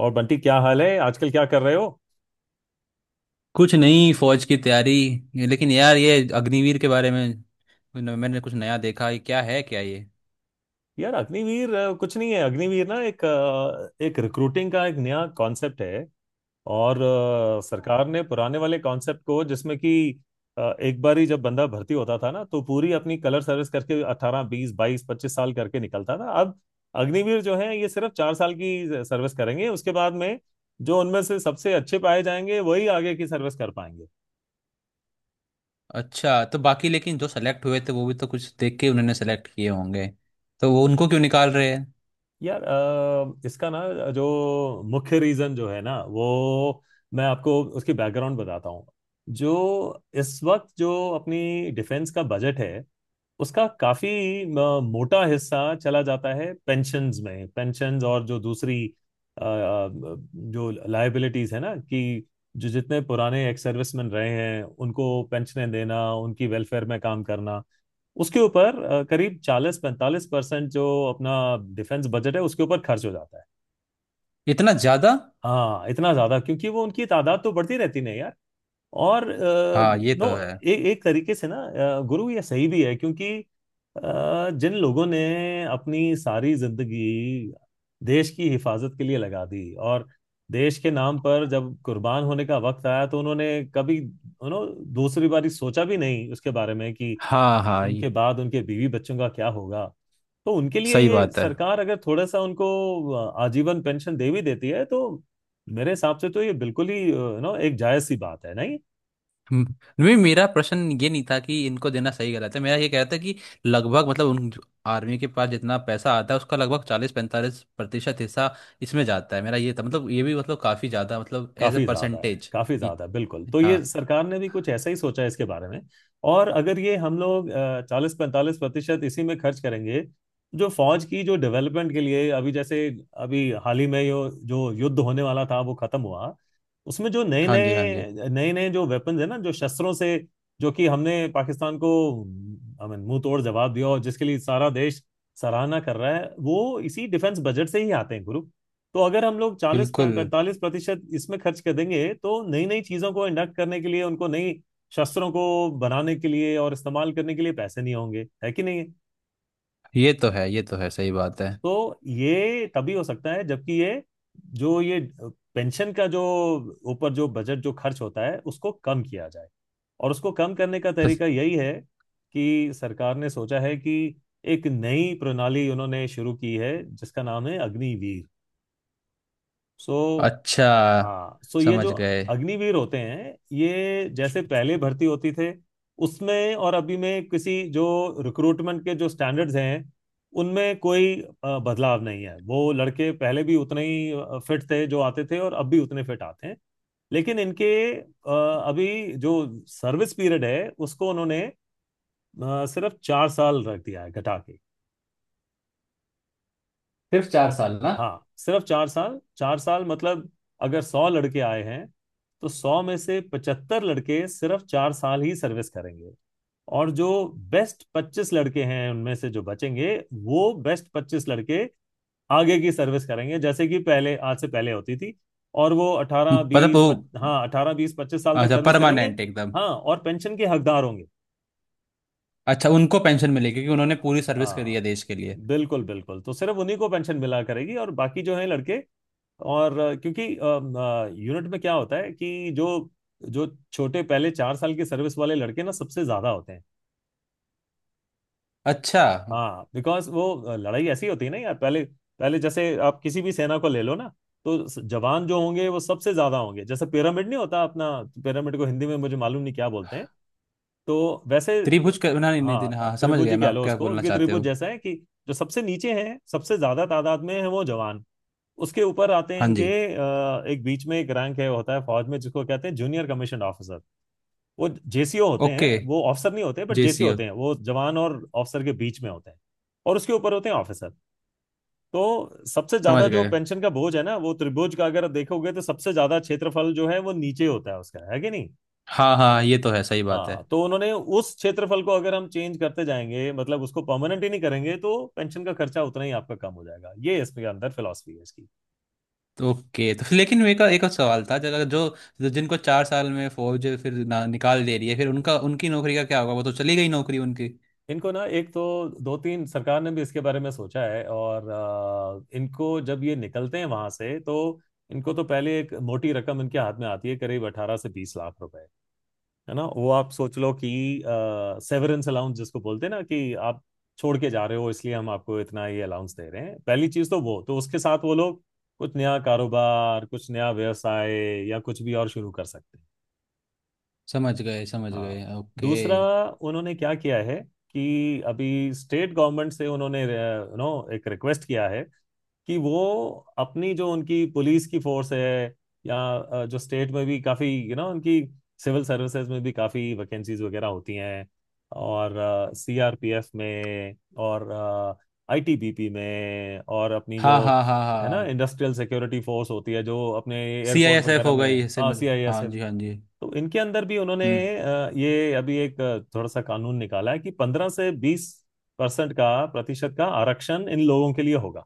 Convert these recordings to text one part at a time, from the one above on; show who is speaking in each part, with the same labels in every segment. Speaker 1: और बंटी, क्या हाल है? आजकल क्या कर रहे हो?
Speaker 2: कुछ नहीं। फौज की तैयारी। लेकिन यार ये अग्निवीर के बारे में मैंने मैंने कुछ नया देखा। ये क्या है, क्या ये?
Speaker 1: यार, अग्निवीर कुछ नहीं है। अग्निवीर ना एक रिक्रूटिंग का एक नया कॉन्सेप्ट है। और सरकार ने पुराने वाले कॉन्सेप्ट को, जिसमें कि एक बार ही जब बंदा भर्ती होता था ना तो पूरी अपनी कलर सर्विस करके 18 20 22 25 साल करके निकलता था। अब अग्निवीर जो है ये सिर्फ 4 साल की सर्विस करेंगे, उसके बाद में जो उनमें से सबसे अच्छे पाए जाएंगे वही आगे की सर्विस कर पाएंगे।
Speaker 2: अच्छा, तो बाकी लेकिन जो सेलेक्ट हुए थे वो भी तो कुछ देख के उन्होंने सेलेक्ट किए होंगे, तो वो उनको क्यों निकाल रहे हैं?
Speaker 1: यार इसका ना, जो मुख्य रीजन जो है ना वो मैं आपको उसकी बैकग्राउंड बताता हूँ। जो इस वक्त जो अपनी डिफेंस का बजट है उसका काफी मोटा हिस्सा चला जाता है पेंशन्स में। पेंशन्स और जो दूसरी अ, अ, जो लायबिलिटीज है ना, कि जो जितने पुराने एक्स सर्विसमैन रहे हैं उनको पेंशनें देना, उनकी वेलफेयर में काम करना, उसके ऊपर करीब 40-45% जो अपना डिफेंस बजट है उसके ऊपर खर्च हो जाता है।
Speaker 2: इतना ज्यादा?
Speaker 1: हाँ, इतना ज्यादा, क्योंकि वो उनकी तादाद तो बढ़ती रहती नहीं यार। और
Speaker 2: हाँ, ये तो
Speaker 1: नो
Speaker 2: है।
Speaker 1: ए, एक तरीके से ना गुरु, ये सही भी है, क्योंकि जिन लोगों ने अपनी सारी जिंदगी देश की हिफाजत के लिए लगा दी, और देश के नाम पर जब कुर्बान होने का वक्त आया तो उन्होंने कभी उन्होंने दूसरी बारी सोचा भी नहीं उसके बारे में, कि
Speaker 2: हाँ हाँ, ये
Speaker 1: उनके बाद उनके बीवी बच्चों का क्या होगा। तो उनके लिए
Speaker 2: सही
Speaker 1: ये
Speaker 2: बात है।
Speaker 1: सरकार अगर थोड़ा सा उनको आजीवन पेंशन दे भी देती है तो मेरे हिसाब से तो ये बिल्कुल ही नो एक जायज सी बात है, नहीं?
Speaker 2: हम्म। नहीं, मेरा प्रश्न ये नहीं था कि इनको देना सही गलत है। मेरा ये कह रहा था कि लगभग, मतलब उन आर्मी के पास जितना पैसा आता है उसका लगभग 40-45% हिस्सा इसमें जाता है। मेरा ये था, मतलब ये भी, मतलब काफी ज्यादा, मतलब एज ए
Speaker 1: काफी ज्यादा है,
Speaker 2: परसेंटेज।
Speaker 1: काफी ज्यादा है, बिल्कुल। तो ये
Speaker 2: हाँ।
Speaker 1: सरकार ने भी कुछ ऐसा ही सोचा है इसके बारे में। और अगर ये हम लोग 40-45% इसी में खर्च करेंगे, जो फौज की, जो डेवलपमेंट के लिए, अभी जैसे अभी हाल ही में जो जो युद्ध होने वाला था वो खत्म हुआ, उसमें जो नए
Speaker 2: हाँ जी, हाँ जी।
Speaker 1: नए नए नए जो वेपन्स है ना, जो शस्त्रों से, जो कि हमने पाकिस्तान को, आई मीन, मुंह तोड़ जवाब दिया और जिसके लिए सारा देश सराहना कर रहा है, वो इसी डिफेंस बजट से ही आते हैं गुरु। तो अगर हम लोग चालीस
Speaker 2: बिल्कुल,
Speaker 1: पैंतालीस प्रतिशत इसमें खर्च कर देंगे तो नई नई चीजों को इंडक्ट करने के लिए, उनको नई शस्त्रों को बनाने के लिए और इस्तेमाल करने के लिए पैसे नहीं होंगे, है कि नहीं?
Speaker 2: ये तो है, ये तो है, सही बात है।
Speaker 1: तो ये तभी हो सकता है जबकि ये जो ये पेंशन का जो ऊपर जो बजट जो खर्च होता है उसको कम किया जाए। और उसको कम करने का
Speaker 2: बस-
Speaker 1: तरीका यही है, कि सरकार ने सोचा है कि एक नई प्रणाली उन्होंने शुरू की है जिसका नाम है अग्निवीर। सो,
Speaker 2: अच्छा,
Speaker 1: हाँ, सो ये जो
Speaker 2: समझ गए।
Speaker 1: अग्निवीर होते हैं, ये जैसे पहले भर्ती होती थे उसमें और अभी में, किसी जो रिक्रूटमेंट के जो स्टैंडर्ड्स हैं उनमें कोई बदलाव नहीं है। वो लड़के पहले भी उतने ही फिट थे जो आते थे और अब भी उतने फिट आते हैं। लेकिन इनके अ, अभी जो सर्विस पीरियड है उसको उन्होंने सिर्फ 4 साल रख दिया है घटा के।
Speaker 2: सिर्फ 4 साल? ना,
Speaker 1: हाँ, सिर्फ 4 साल। चार साल मतलब अगर 100 लड़के आए हैं तो 100 में से 75 लड़के सिर्फ 4 साल ही सर्विस करेंगे, और जो बेस्ट 25 लड़के हैं उनमें से जो बचेंगे, वो बेस्ट 25 लड़के आगे की सर्विस करेंगे जैसे कि पहले, आज से पहले होती थी। और वो अठारह
Speaker 2: मतलब वो?
Speaker 1: बीस, हाँ 18 20 25 साल तक
Speaker 2: अच्छा,
Speaker 1: सर्विस करेंगे।
Speaker 2: परमानेंट एकदम?
Speaker 1: हाँ, और पेंशन के हकदार होंगे।
Speaker 2: अच्छा, उनको पेंशन मिलेगी क्योंकि उन्होंने पूरी सर्विस करी है
Speaker 1: हाँ,
Speaker 2: देश के लिए?
Speaker 1: बिल्कुल बिल्कुल। तो सिर्फ उन्हीं को पेंशन मिला करेगी, और बाकी जो है लड़के, और क्योंकि यूनिट में क्या होता है कि जो जो छोटे, पहले 4 साल के सर्विस वाले लड़के ना सबसे ज्यादा होते हैं।
Speaker 2: अच्छा,
Speaker 1: हाँ, बिकॉज वो लड़ाई ऐसी होती है ना यार, पहले पहले जैसे आप किसी भी सेना को ले लो ना, तो जवान जो होंगे वो सबसे ज्यादा होंगे, जैसे पिरामिड नहीं होता अपना। पिरामिड को हिंदी में मुझे मालूम नहीं क्या बोलते हैं। तो वैसे
Speaker 2: त्रिभुज? करना नहीं, नहीं देना,
Speaker 1: हाँ,
Speaker 2: हाँ समझ
Speaker 1: त्रिभुज
Speaker 2: गया
Speaker 1: ही
Speaker 2: मैं,
Speaker 1: कह
Speaker 2: आप
Speaker 1: लो
Speaker 2: क्या
Speaker 1: उसको।
Speaker 2: बोलना
Speaker 1: उसकी
Speaker 2: चाहते
Speaker 1: त्रिभुज
Speaker 2: हो।
Speaker 1: जैसा है, कि जो सबसे नीचे हैं सबसे ज्यादा तादाद में है वो जवान। उसके ऊपर आते हैं
Speaker 2: हाँ
Speaker 1: इनके
Speaker 2: जी।
Speaker 1: एक बीच में एक रैंक है, होता है फौज में, जिसको कहते हैं जूनियर कमीशन ऑफिसर। वो JCO होते हैं,
Speaker 2: ओके।
Speaker 1: वो ऑफिसर नहीं होते, बट जेसीओ
Speaker 2: जेसीओ।
Speaker 1: होते हैं, वो जवान और ऑफिसर के बीच में होते हैं। और उसके ऊपर होते हैं ऑफिसर। तो सबसे ज्यादा
Speaker 2: समझ
Speaker 1: जो
Speaker 2: गए।
Speaker 1: पेंशन का बोझ है ना वो, त्रिभुज का अगर देखोगे तो सबसे ज्यादा क्षेत्रफल जो है वो नीचे होता है उसका, है कि नहीं?
Speaker 2: हाँ हाँ, ये तो है, सही बात है।
Speaker 1: हाँ, तो उन्होंने उस क्षेत्रफल को, अगर हम चेंज करते जाएंगे मतलब उसको परमानेंट ही नहीं करेंगे, तो पेंशन का खर्चा उतना ही आपका कम हो जाएगा। ये इसके अंदर फिलॉसफी है इसकी।
Speaker 2: तो ओके, तो फिर लेकिन एक एक और सवाल था। जगह जो जो- जिनको 4 साल में फौज फिर ना, निकाल दे रही है, फिर उनका, उनकी नौकरी का क्या होगा? वो तो चली गई नौकरी उनकी।
Speaker 1: इनको ना एक तो, दो तीन सरकार ने भी इसके बारे में सोचा है, और इनको जब ये निकलते हैं वहां से तो इनको तो पहले एक मोटी रकम इनके हाथ में आती है, करीब 18 से 20 लाख रुपए। है ना? वो आप सोच लो कि सेवरेंस अलाउंस जिसको बोलते हैं ना, कि आप छोड़ के जा रहे हो इसलिए हम आपको इतना ये अलाउंस दे रहे हैं। पहली चीज तो वो, तो उसके साथ वो लोग कुछ नया कारोबार, कुछ नया व्यवसाय या कुछ भी और शुरू कर सकते हैं।
Speaker 2: समझ गए, समझ गए।
Speaker 1: हाँ।
Speaker 2: ओके।
Speaker 1: दूसरा, उन्होंने क्या किया है कि अभी स्टेट गवर्नमेंट से उन्होंने नो एक रिक्वेस्ट किया है कि वो अपनी, जो उनकी पुलिस की फोर्स है, या जो स्टेट में भी काफ़ी, उनकी सिविल सर्विसेज में भी काफ़ी वैकेंसीज वगैरह होती हैं, और CRPF में और ITBP में और अपनी जो,
Speaker 2: हाँ हाँ, हाँ
Speaker 1: है ना,
Speaker 2: हाँ।
Speaker 1: इंडस्ट्रियल सिक्योरिटी फोर्स होती है जो अपने
Speaker 2: C I
Speaker 1: airport
Speaker 2: S F
Speaker 1: वगैरह
Speaker 2: हो
Speaker 1: में।
Speaker 2: गई,
Speaker 1: हाँ,
Speaker 2: समझ।
Speaker 1: सी आई एस।
Speaker 2: हाँ जी, हाँ जी।
Speaker 1: तो इनके अंदर भी उन्होंने
Speaker 2: हम्म।
Speaker 1: ये अभी एक थोड़ा सा कानून निकाला है, कि 15 से 20% का, प्रतिशत का आरक्षण इन लोगों के लिए होगा।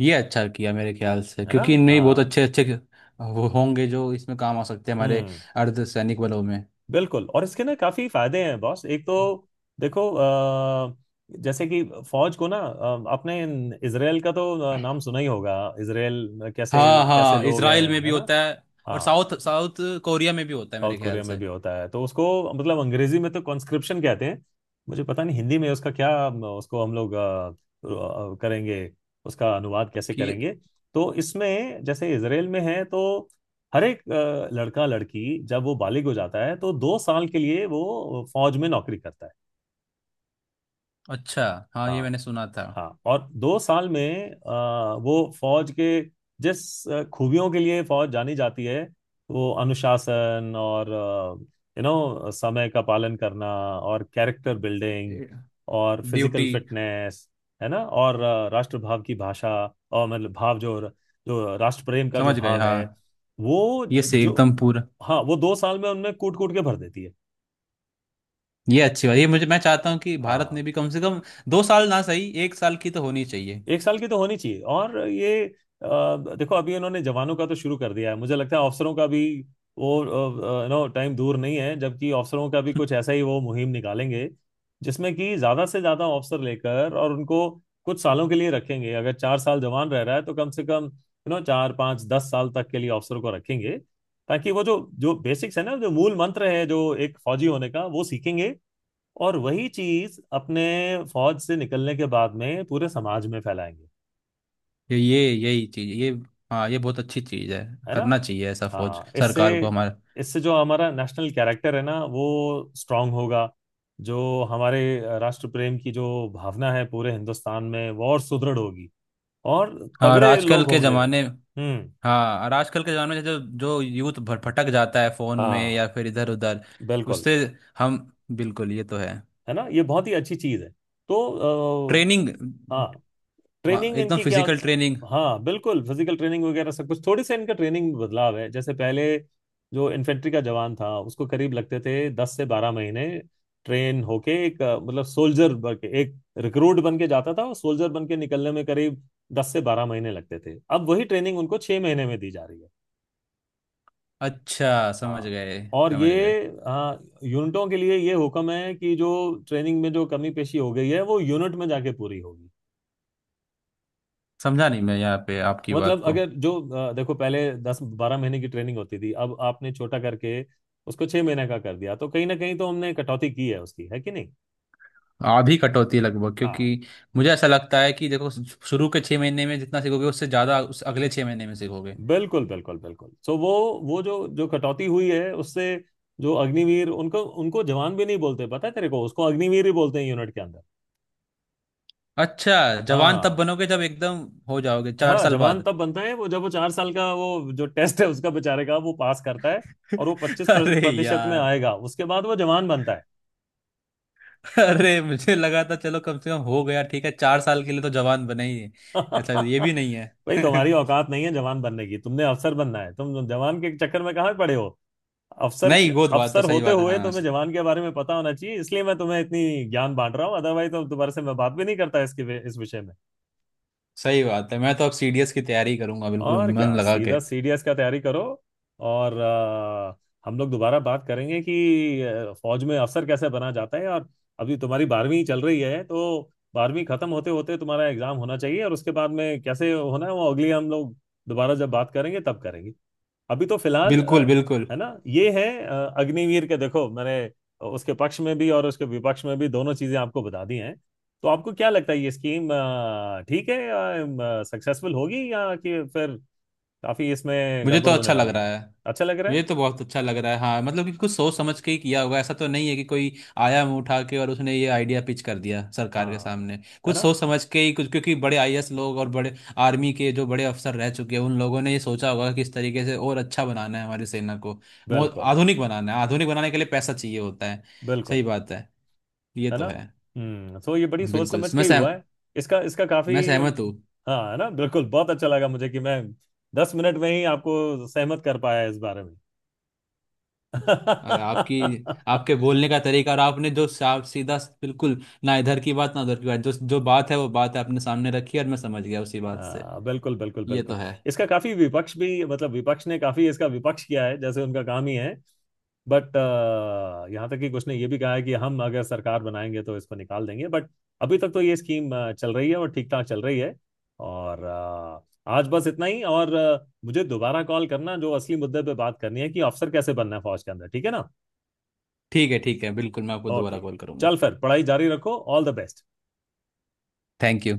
Speaker 2: ये अच्छा किया मेरे ख्याल से,
Speaker 1: है ना?
Speaker 2: क्योंकि इनमें ही बहुत
Speaker 1: हाँ।
Speaker 2: अच्छे अच्छे वो होंगे जो इसमें काम आ सकते हैं हमारे
Speaker 1: हम्म।
Speaker 2: अर्ध सैनिक बलों में।
Speaker 1: बिल्कुल, और इसके ना काफी फायदे हैं बॉस। एक तो देखो जैसे कि फौज को ना आपने इसराइल का तो नाम सुना ही होगा। इसराइल कैसे
Speaker 2: हाँ
Speaker 1: कैसे
Speaker 2: हाँ,
Speaker 1: लोग
Speaker 2: इसराइल
Speaker 1: हैं,
Speaker 2: में
Speaker 1: है
Speaker 2: भी
Speaker 1: ना।
Speaker 2: होता है। और
Speaker 1: हाँ,
Speaker 2: साउथ साउथ कोरिया में भी होता है
Speaker 1: साउथ
Speaker 2: मेरे ख्याल
Speaker 1: कोरिया में
Speaker 2: से
Speaker 1: भी होता है। तो उसको, मतलब अंग्रेजी में तो कॉन्स्क्रिप्शन कहते हैं, मुझे पता नहीं हिंदी में उसका क्या, उसको हम लोग करेंगे, उसका अनुवाद कैसे
Speaker 2: कि।
Speaker 1: करेंगे। तो इसमें जैसे इसराइल में है, तो हर एक लड़का लड़की जब वो बालिग हो जाता है तो 2 साल के लिए वो फौज में नौकरी करता है।
Speaker 2: अच्छा। हाँ, ये
Speaker 1: हाँ
Speaker 2: मैंने सुना था।
Speaker 1: हाँ। और 2 साल में वो फौज के जिस खूबियों के लिए फौज जानी जाती है, वो अनुशासन, और समय का पालन करना, और कैरेक्टर बिल्डिंग, और फिजिकल
Speaker 2: ड्यूटी।
Speaker 1: फिटनेस, है ना। और राष्ट्रभाव की भाषा, और मतलब भाव, जो जो राष्ट्र प्रेम का जो
Speaker 2: समझ गए।
Speaker 1: भाव है
Speaker 2: हाँ,
Speaker 1: वो
Speaker 2: ये से
Speaker 1: जो,
Speaker 2: एकदम पूरा।
Speaker 1: हाँ, वो 2 साल में उनमें कूट कूट के भर देती है।
Speaker 2: ये अच्छी बात, ये मुझे, मैं चाहता हूँ कि भारत ने
Speaker 1: हाँ,
Speaker 2: भी कम से कम 2 साल ना सही, 1 साल की तो होनी चाहिए।
Speaker 1: एक साल की तो होनी चाहिए। और ये अ, देखो, अभी इन्होंने जवानों का तो शुरू कर दिया है, मुझे लगता है अफसरों का भी वो नो टाइम दूर नहीं है जबकि अफसरों का भी कुछ ऐसा ही वो मुहिम निकालेंगे, जिसमें कि ज्यादा से ज्यादा अफसर लेकर और उनको कुछ सालों के लिए रखेंगे। अगर 4 साल जवान रह रहा है तो कम से कम 4 5 10 साल तक के लिए अफसर को रखेंगे, ताकि वो जो जो बेसिक्स है ना, जो मूल मंत्र है जो एक फौजी होने का, वो सीखेंगे, और वही चीज अपने फौज से निकलने के बाद में पूरे समाज में फैलाएंगे।
Speaker 2: यही चीज ये। हाँ, ये बहुत अच्छी चीज है,
Speaker 1: है ना?
Speaker 2: करना चाहिए ऐसा फौज
Speaker 1: हाँ, इससे
Speaker 2: सरकार को हमारे।
Speaker 1: इससे जो हमारा नेशनल कैरेक्टर है ना वो स्ट्रांग होगा। जो हमारे राष्ट्र प्रेम की जो भावना है पूरे हिंदुस्तान में वो और सुदृढ़ होगी। और
Speaker 2: हाँ, और
Speaker 1: तगड़े
Speaker 2: आजकल
Speaker 1: लोग
Speaker 2: के
Speaker 1: होंगे।
Speaker 2: ज़माने।
Speaker 1: हम्म।
Speaker 2: हाँ, और आजकल के ज़माने में जो जो यूथ भटक जाता है फ़ोन में
Speaker 1: हाँ,
Speaker 2: या फिर इधर उधर,
Speaker 1: बिल्कुल।
Speaker 2: उससे। हम। बिल्कुल, ये तो है।
Speaker 1: है ना, ये बहुत ही अच्छी चीज है। तो
Speaker 2: ट्रेनिंग?
Speaker 1: हाँ, ट्रेनिंग
Speaker 2: एकदम
Speaker 1: इनकी क्या
Speaker 2: फिजिकल
Speaker 1: होती,
Speaker 2: ट्रेनिंग।
Speaker 1: हाँ बिल्कुल, फिजिकल ट्रेनिंग वगैरह सब कुछ। थोड़ी सी इनका ट्रेनिंग में बदलाव है। जैसे पहले जो इन्फेंट्री का जवान था उसको करीब लगते थे 10 से 12 महीने, ट्रेन होके एक मतलब सोल्जर बन के, एक रिक्रूट बन के जाता था और सोल्जर बन के निकलने में करीब 10 से 12 महीने लगते थे। अब वही ट्रेनिंग उनको 6 महीने में दी जा रही है।
Speaker 2: अच्छा, समझ
Speaker 1: हाँ।
Speaker 2: गए,
Speaker 1: और
Speaker 2: समझ
Speaker 1: ये
Speaker 2: गए।
Speaker 1: यूनिटों के लिए ये हुक्म है, कि जो ट्रेनिंग में जो कमी पेशी हो गई है वो यूनिट में जाके पूरी होगी।
Speaker 2: समझा नहीं मैं यहाँ पे आपकी बात
Speaker 1: मतलब
Speaker 2: को।
Speaker 1: अगर जो देखो, पहले 10 12 महीने की ट्रेनिंग होती थी, अब आपने छोटा करके उसको 6 महीने का कर दिया, तो कहीं ना कहीं तो हमने कटौती की है उसकी, है कि नहीं?
Speaker 2: आधी कटौती लगभग, क्योंकि
Speaker 1: हाँ,
Speaker 2: मुझे ऐसा लगता है कि देखो, शुरू के 6 महीने में जितना सीखोगे उससे ज़्यादा उस अगले 6 महीने में सीखोगे।
Speaker 1: बिल्कुल बिल्कुल बिल्कुल। सो वो जो जो कटौती हुई है उससे जो अग्निवीर, उनको उनको जवान भी नहीं बोलते, पता है तेरे को, उसको अग्निवीर ही बोलते हैं यूनिट के अंदर।
Speaker 2: अच्छा। जवान तब
Speaker 1: हाँ।
Speaker 2: बनोगे जब एकदम हो जाओगे, चार
Speaker 1: हाँ,
Speaker 2: साल
Speaker 1: जवान
Speaker 2: बाद।
Speaker 1: तब बनता है वो, जब वो 4 साल का वो जो टेस्ट है उसका बेचारे का वो पास करता है, और वो पच्चीस
Speaker 2: अरे
Speaker 1: प्रतिशत में
Speaker 2: यार।
Speaker 1: आएगा, उसके बाद वो जवान बनता है।
Speaker 2: अरे, मुझे लगा था चलो कम से कम हो गया, ठीक है, 4 साल के लिए तो जवान बने ही है। अच्छा, ये भी नहीं
Speaker 1: भाई,
Speaker 2: है।
Speaker 1: तुम्हारी औकात नहीं है जवान बनने की, तुमने अफसर बनना है, तुम जवान के चक्कर में कहाँ पड़े हो? अफसर।
Speaker 2: नहीं, वो तो बात तो
Speaker 1: अफसर
Speaker 2: सही
Speaker 1: होते
Speaker 2: बात है।
Speaker 1: हुए
Speaker 2: हाँ,
Speaker 1: तुम्हें जवान के बारे में पता होना चाहिए, इसलिए मैं तुम्हें इतनी ज्ञान बांट रहा हूँ, अदरवाइज तो दोबारा से मैं बात भी नहीं करता इसके इस विषय में।
Speaker 2: सही बात है। मैं तो अब सीडीएस की तैयारी करूंगा, बिल्कुल
Speaker 1: और
Speaker 2: मन
Speaker 1: क्या,
Speaker 2: लगा के।
Speaker 1: सीधा CDS का तैयारी करो। और हम लोग दोबारा बात करेंगे कि फौज में अफसर कैसे बना जाता है, और अभी तुम्हारी बारहवीं चल रही है तो बारहवीं खत्म होते होते तुम्हारा एग्जाम होना चाहिए, और उसके बाद में कैसे होना है वो अगली, हम लोग दोबारा जब बात करेंगे तब करेंगे। अभी तो फिलहाल
Speaker 2: बिल्कुल, बिल्कुल।
Speaker 1: है ना, ये है अग्निवीर के, देखो मैंने उसके पक्ष में भी और उसके विपक्ष में भी, दोनों चीजें आपको बता दी हैं। तो आपको क्या लगता है, ये स्कीम ठीक है, सक्सेसफुल होगी, या कि फिर काफी इसमें
Speaker 2: मुझे तो
Speaker 1: गड़बड़ होने
Speaker 2: अच्छा लग
Speaker 1: वाली
Speaker 2: रहा
Speaker 1: है?
Speaker 2: है।
Speaker 1: अच्छा लग रहा है?
Speaker 2: मुझे तो बहुत अच्छा लग रहा है, हाँ, मतलब कि कुछ सोच समझ के ही किया होगा, ऐसा तो नहीं है कि कोई आया मुंह उठा के और उसने ये आइडिया पिच कर दिया सरकार के
Speaker 1: हाँ।
Speaker 2: सामने।
Speaker 1: है
Speaker 2: कुछ
Speaker 1: ना?
Speaker 2: सोच समझ के ही कुछ, क्योंकि बड़े आईएएस लोग और बड़े आर्मी के जो बड़े अफसर रह चुके हैं, उन लोगों ने ये सोचा होगा कि इस तरीके से और अच्छा बनाना है हमारी सेना को।
Speaker 1: बिल्कुल
Speaker 2: आधुनिक बनाना है, आधुनिक बनाने के लिए पैसा चाहिए होता है। सही
Speaker 1: बिल्कुल।
Speaker 2: बात है। ये
Speaker 1: है
Speaker 2: तो
Speaker 1: ना?
Speaker 2: है।
Speaker 1: हम्म। तो ये बड़ी सोच
Speaker 2: बिल्कुल,
Speaker 1: समझ के ही हुआ है। इसका इसका
Speaker 2: मैं
Speaker 1: काफी
Speaker 2: सहमत हूँ।
Speaker 1: हाँ, है ना, बिल्कुल। बहुत अच्छा लगा मुझे कि मैं 10 मिनट में ही आपको सहमत कर पाया इस बारे में।
Speaker 2: अरे आपकी आपके बोलने का तरीका, और आपने जो साफ सीधा, बिल्कुल ना इधर की बात ना उधर की बात, जो जो बात है वो बात है आपने सामने रखी, और मैं समझ गया उसी बात से।
Speaker 1: बिल्कुल बिल्कुल
Speaker 2: ये तो
Speaker 1: बिल्कुल।
Speaker 2: है।
Speaker 1: इसका काफी विपक्ष भी, मतलब विपक्ष ने काफी इसका विपक्ष किया है, जैसे उनका काम ही है, बट यहाँ तक कि कुछ ने ये भी कहा है कि हम अगर सरकार बनाएंगे तो इसको निकाल देंगे, बट अभी तक तो ये स्कीम चल रही है, और ठीक ठाक चल रही है। और आज बस इतना ही। और मुझे दोबारा कॉल करना, जो असली मुद्दे पे बात करनी है, कि अफसर कैसे बनना है फौज के अंदर, ठीक है ना?
Speaker 2: ठीक है, ठीक है, बिल्कुल मैं आपको दोबारा
Speaker 1: ओके।
Speaker 2: कॉल करूंगा।
Speaker 1: चल फिर पढ़ाई जारी रखो, all the best.
Speaker 2: Thank you.